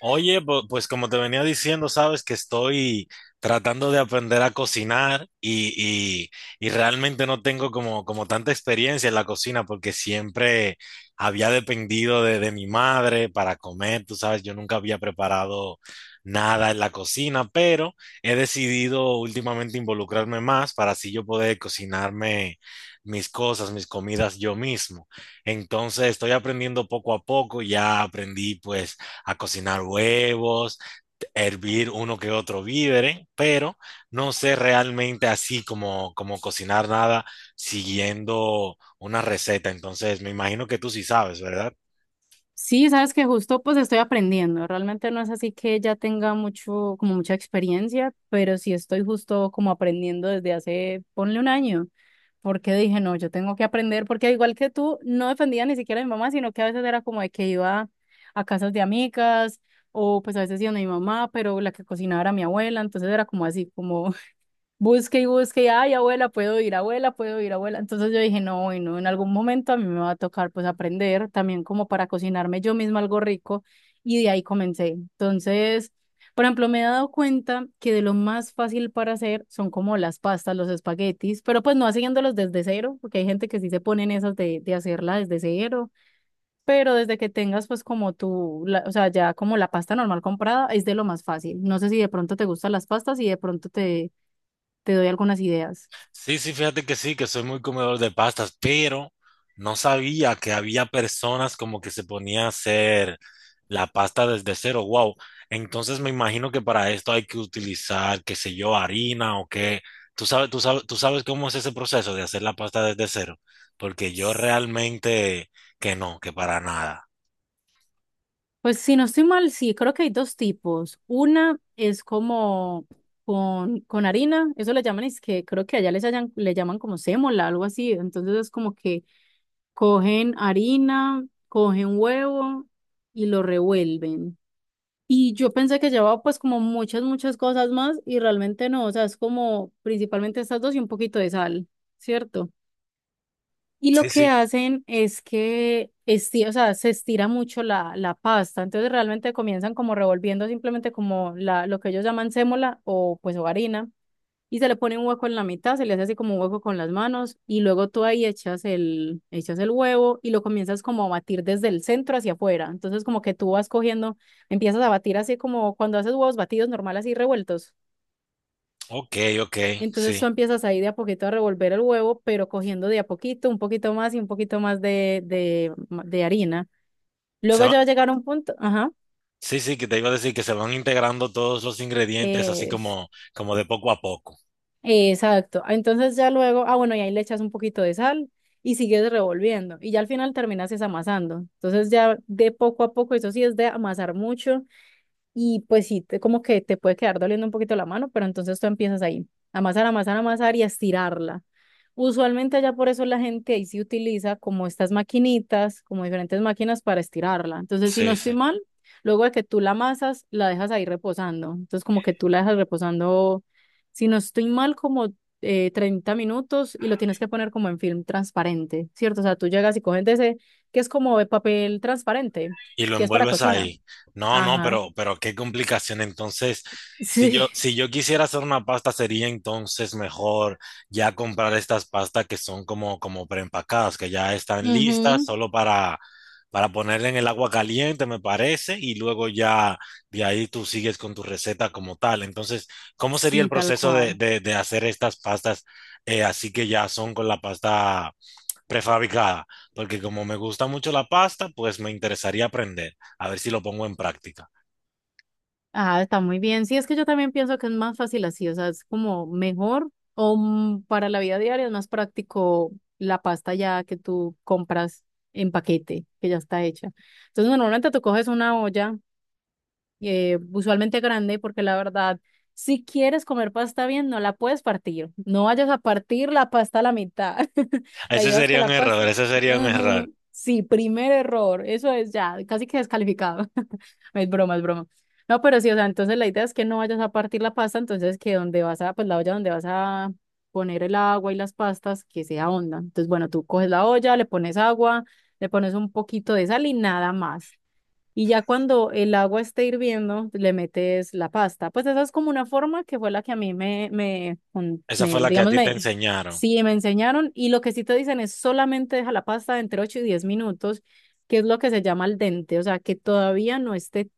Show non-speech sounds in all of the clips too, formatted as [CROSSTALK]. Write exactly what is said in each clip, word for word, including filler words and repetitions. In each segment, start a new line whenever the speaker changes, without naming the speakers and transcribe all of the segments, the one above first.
Oye, po- pues como te venía diciendo, sabes que estoy tratando de aprender a cocinar y, y- y realmente no tengo como, como tanta experiencia en la cocina porque siempre había dependido de, de mi madre para comer, tú sabes, yo nunca había preparado nada en la cocina, pero he decidido últimamente involucrarme más para así yo poder cocinarme mis cosas, mis comidas yo mismo. Entonces estoy aprendiendo poco a poco, ya aprendí pues a cocinar huevos, hervir uno que otro vídere, pero no sé realmente así como, como cocinar nada siguiendo una receta. Entonces, me imagino que tú sí sabes, ¿verdad?
Sí, sabes que justo pues estoy aprendiendo. Realmente no es así que ya tenga mucho, como mucha experiencia, pero sí estoy justo como aprendiendo desde hace, ponle un año, porque dije, no, yo tengo que aprender, porque al igual que tú, no defendía ni siquiera a mi mamá, sino que a veces era como de que iba a casas de amigas o pues a veces iba a mi mamá, pero la que cocinaba era mi abuela, entonces era como así, como busque y busque, y, ay, abuela, puedo ir, abuela, puedo ir, abuela. Entonces yo dije, no, bueno, en algún momento a mí me va a tocar pues aprender también como para cocinarme yo misma algo rico y de ahí comencé. Entonces, por ejemplo, me he dado cuenta que de lo más fácil para hacer son como las pastas, los espaguetis, pero pues no haciéndolos desde cero, porque hay gente que sí se pone en esas de, de hacerla desde cero, pero desde que tengas pues como tu, la- o sea, ya como la pasta normal comprada es de lo más fácil. No sé si de pronto te gustan las pastas y de pronto te te doy algunas ideas.
Sí, sí, fíjate que sí, que soy muy comedor de pastas, pero no sabía que había personas como que se ponía a hacer la pasta desde cero. Wow. Entonces me imagino que para esto hay que utilizar, qué sé yo, harina o qué. Tú sabes, tú sabes, tú sabes cómo es ese proceso de hacer la pasta desde cero, porque yo
S-
realmente que no, que para nada.
Pues si no estoy mal, sí, creo que hay dos tipos. Una es como con, con harina, eso le llaman, es que creo que allá les hayan- le llaman como sémola, algo así. Entonces es como que cogen harina, cogen huevo y lo revuelven. Y yo pensé que llevaba pues como muchas, muchas cosas más y realmente no, o sea, es como principalmente estas dos y un poquito de sal, ¿cierto? Y lo
Sí,
que
sí.
hacen es que esti- o sea, se estira mucho la, la pasta, entonces realmente comienzan como revolviendo simplemente como la, lo que ellos llaman sémola o pues o harina, y se le pone un hueco en la mitad, se le hace así como un hueco con las manos, y luego tú ahí echas el, echas el huevo y lo comienzas como a batir desde el centro hacia afuera, entonces como que tú vas cogiendo, empiezas a batir así como cuando haces huevos batidos normal así revueltos.
Ok, ok,
Entonces
sí.
tú empiezas ahí de a poquito a revolver el huevo, pero cogiendo de a poquito, un poquito más y un poquito más de, de, de harina.
Se
Luego
va-
ya va a llegar un punto, ajá,
Sí, sí, que te iba a decir que se van integrando todos los ingredientes así
es,
como, como de poco a poco.
exacto. Entonces ya luego, ah, bueno, y ahí le echas un poquito de sal y sigues revolviendo. Y ya al final terminas es amasando. Entonces ya de poco a poco, eso sí es de amasar mucho. Y pues sí, te- como que te puede quedar doliendo un poquito la mano, pero entonces tú empiezas ahí, a amasar, amasar, amasar y a estirarla. Usualmente allá por eso la gente ahí sí utiliza como estas maquinitas, como diferentes máquinas para estirarla. Entonces, si no
Sí, sí.
estoy mal, luego de que tú la amasas, la dejas ahí reposando. Entonces, como que tú la dejas reposando, si no estoy mal, como eh, treinta minutos y lo tienes que poner como en film transparente, ¿cierto? O sea, tú llegas y coges de ese, que es como de papel transparente,
Y lo
que es para
envuelves
cocina.
ahí. No, no,
Ajá.
pero, pero qué complicación. Entonces,
[LAUGHS]
si
Sí,
yo, si yo quisiera hacer una pasta, sería entonces mejor ya comprar estas pastas que son como, como preempacadas, que ya están listas
ujú.
solo para, para ponerle en el agua caliente, me parece, y luego ya de ahí tú sigues con tu receta como tal. Entonces, ¿cómo sería el
Sí, tal
proceso de,
cual.
de- de hacer estas pastas eh, así que ya son con la pasta prefabricada? Porque como me gusta mucho la pasta, pues me interesaría aprender, a ver si lo pongo en práctica.
Ah, está muy bien. Sí, es que yo también pienso que es más fácil así, o sea, es como mejor o mm, para la vida diaria es más práctico la pasta ya que tú compras en paquete, que ya está hecha. Entonces, normalmente tú coges una olla eh, usualmente grande, porque la verdad, si quieres comer pasta bien, no la puedes partir. No vayas a partir la pasta a la mitad. [LAUGHS] La
Ese
idea es que
sería un
la
error,
pasta.
ese sería un error.
Ajá. Sí, primer error. Eso es ya, casi que descalificado. [LAUGHS] Es broma, es broma. No, pero sí, o sea, entonces la idea es que no vayas a partir la pasta, entonces que donde vas a, pues la olla donde vas a poner el agua y las pastas, que sea honda. Entonces, bueno, tú coges la olla, le pones agua, le pones un poquito de sal y nada más. Y ya cuando el agua esté hirviendo, le metes la pasta. Pues esa es como una forma que fue la que a mí me, me, con-
Esa
me-
fue la que a
digamos,
ti te
me,
enseñaron,
sí, me enseñaron. Y lo que sí te dicen es solamente deja la pasta entre ocho y diez minutos, que es lo que se llama al dente. O sea, que todavía no esté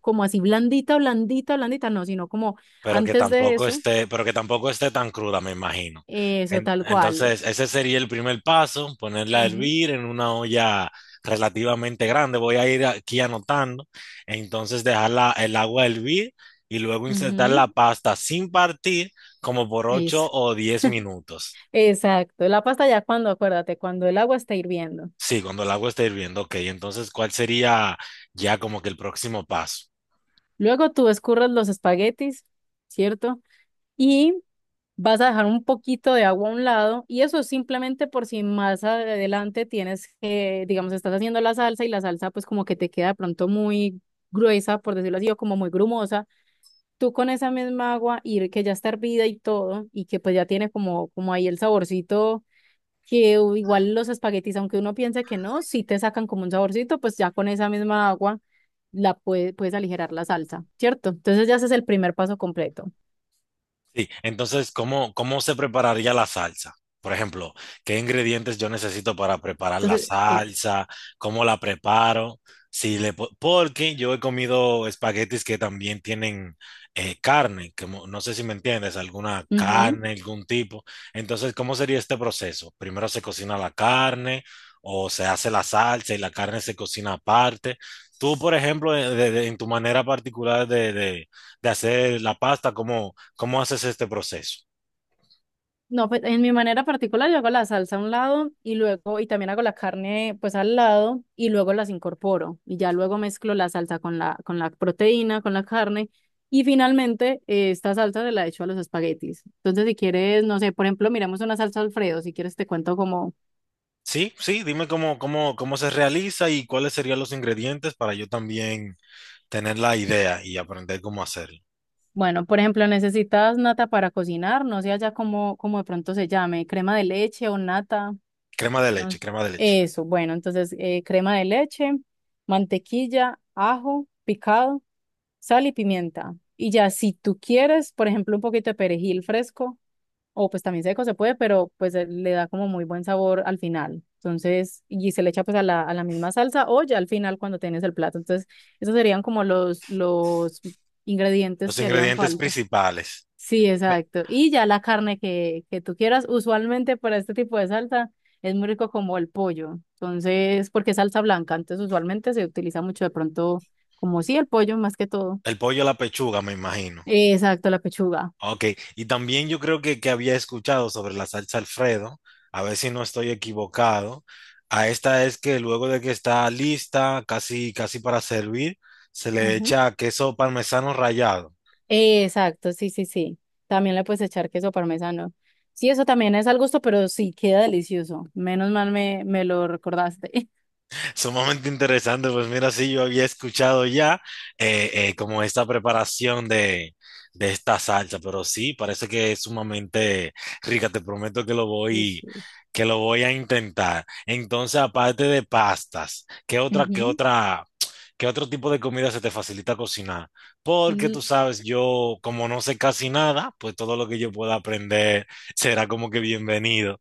como así blandita, blandita, blandita, no, sino como
pero que
antes de
tampoco
eso,
esté, pero que tampoco esté tan cruda, me imagino.
eso
En-
tal cual.
entonces, ese sería el primer paso, ponerla a
Ujú,
hervir en una olla relativamente grande. Voy a ir aquí anotando. Entonces, dejar la- el agua hervir y luego insertar
ujú,
la pasta sin partir como por ocho
eso.
o diez minutos.
Exacto. La pasta ya cuando, acuérdate, cuando el agua está hirviendo.
Sí, cuando el agua está hirviendo, ok. Entonces, ¿cuál sería ya como que el próximo paso?
Luego tú escurres los espaguetis, ¿cierto? Y vas a dejar un poquito de agua a un lado y eso es simplemente por si más adelante tienes que, digamos, estás haciendo la salsa y la salsa pues como que te queda de pronto muy gruesa, por decirlo así, o como muy grumosa. Tú con esa misma agua y que ya está hervida y todo y que pues ya tiene como, como ahí el saborcito que u- igual los espaguetis, aunque uno piense que no, si te sacan como un saborcito, pues ya con esa misma agua la puede, puedes aligerar la salsa, ¿cierto? Entonces ya ese es el primer paso completo.
Sí, entonces, ¿cómo, cómo se prepararía la salsa? Por ejemplo, ¿qué ingredientes yo necesito para preparar la
Entonces, es.
salsa? ¿Cómo la preparo? Si le, po- Porque yo he comido espaguetis que también tienen eh, carne, que mo- no sé si me entiendes, alguna
Ujú.
carne, algún tipo. Entonces, ¿cómo sería este proceso? Primero se cocina la carne o se hace la salsa y la carne se cocina aparte. Tú, por ejemplo, eh, de- de- en tu manera particular de, de, de hacer la pasta, cómo, cómo haces este proceso.
No, pues en mi manera particular yo hago la salsa a un lado y luego, y también hago la carne pues al lado y luego las incorporo y ya luego mezclo la salsa con la, con la proteína, con la carne y finalmente eh, esta salsa se la echo a los espaguetis. Entonces si quieres, no sé, por ejemplo, miramos una salsa Alfredo, si quieres te cuento como
Sí, sí, dime cómo, cómo, cómo se realiza y cuáles serían los ingredientes para yo también tener la idea y aprender cómo hacerlo.
bueno, por ejemplo, necesitas nata para cocinar, no sé allá cómo, cómo de pronto se llame, crema de leche o nata,
Crema de
no.
leche, crema de leche.
Eso, bueno, entonces eh, crema de leche, mantequilla, ajo picado, sal y pimienta. Y ya si tú quieres, por ejemplo, un poquito de perejil fresco o pues también seco se puede, pero pues eh, le da como muy buen sabor al final. Entonces, y se le echa pues a la, a la misma salsa o ya al final cuando tienes el plato. Entonces, esos serían como los, los ingredientes
Los
que harían
ingredientes
falta.
principales.
Sí,
Me-
exacto. Y ya la carne que, que tú quieras, usualmente para este tipo de salsa es muy rico como el pollo. Entonces, porque es salsa blanca, entonces usualmente se utiliza mucho de pronto como sí el pollo más que todo.
El pollo a la pechuga, me imagino.
Exacto, la pechuga.
Ok, y también yo creo que, que había escuchado sobre la salsa Alfredo, a ver si no estoy equivocado. A esta es que luego de que está lista, casi, casi para servir, se le
Ujú.
echa queso parmesano rallado.
Exacto, sí, sí, sí. También le puedes echar queso parmesano. Sí, eso también es al gusto, pero sí queda delicioso. Menos mal me, me lo recordaste. [LAUGHS]
Sumamente interesante, pues mira, sí, yo había escuchado ya eh, eh, como esta preparación de, de esta salsa, pero sí, parece que es sumamente rica, te prometo que lo
Sí,
voy,
sí.
que lo voy a intentar. Entonces, aparte de pastas, ¿qué otra, qué
Ujú.
otra, ¿qué otro tipo de comida se te facilita cocinar? Porque tú sabes, yo como no sé casi nada, pues todo lo que yo pueda aprender será como que bienvenido.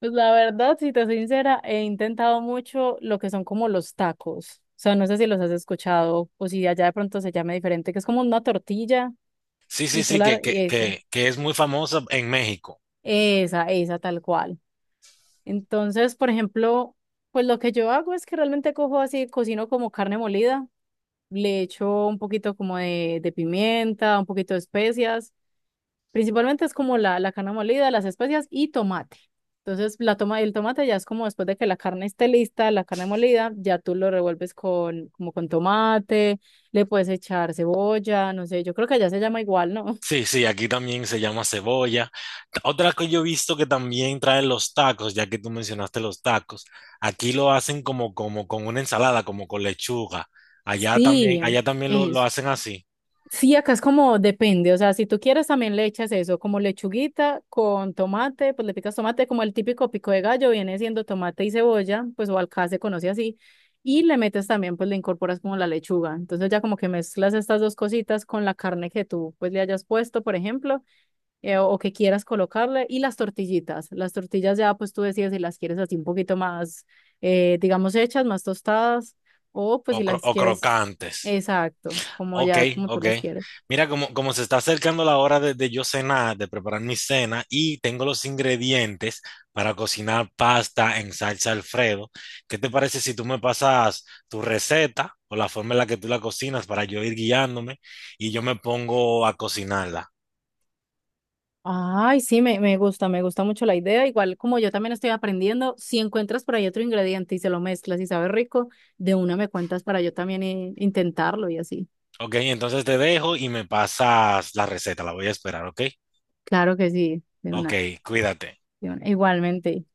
Pues la verdad, si te soy sincera, he intentado mucho lo que son como los tacos. O sea, no sé si los has escuchado o si allá de pronto se llama diferente, que es como una tortilla
Sí, sí,
y tú
sí, que,
la... y
que,
eso,
que, que es muy famosa en México.
esa, esa tal cual. Entonces, por ejemplo, pues lo que yo hago es que realmente cojo así, cocino como carne molida, le echo un poquito como de, de pimienta, un poquito de especias. Principalmente es como la, la carne molida, las especias y tomate. Entonces, la toma, el tomate ya es como después de que la carne esté lista, la carne molida, ya tú lo revuelves con, como con tomate, le puedes echar cebolla, no sé, yo creo que allá se llama igual, ¿no? [LAUGHS]
Sí, sí, aquí también se llama cebolla. Ta- Otra que yo he visto que también traen los tacos, ya que tú mencionaste los tacos, aquí lo hacen como, como con una ensalada, como con lechuga. Allá también,
Sí,
allá también lo, lo
eso.
hacen así,
Sí, acá es como depende, o sea, si tú quieres también le echas eso, como lechuguita con tomate, pues le picas tomate, como el típico pico de gallo viene siendo tomate y cebolla, pues o acá se conoce así, y le metes también, pues le incorporas como la lechuga, entonces ya como que mezclas estas dos cositas con la carne que tú pues le hayas puesto, por ejemplo, eh, o que quieras colocarle, y las tortillitas, las tortillas ya pues tú decides si las quieres así un poquito más, eh, digamos, hechas, más tostadas, o pues
o,
si
cro-
las
o
quieres,
crocantes.
exacto, como
Ok,
ya, como tú
ok.
las quieres.
Mira, como, como se está acercando la hora de, de yo cenar, de preparar mi cena, y tengo los ingredientes para cocinar pasta en salsa Alfredo, ¿qué te parece si tú me pasas tu receta o la forma en la que tú la cocinas para yo ir guiándome y yo me pongo a cocinarla?
Ay, sí, me, me gusta, me gusta mucho la idea. Igual como yo también estoy aprendiendo, si encuentras por ahí otro ingrediente y se lo mezclas y sabe rico, de una me cuentas para yo también eh, intentarlo y así.
Ok, entonces te dejo y me pasas la receta, la voy a esperar, ¿ok?
Claro que sí, de una,
Ok, cuídate.
de una. Igualmente.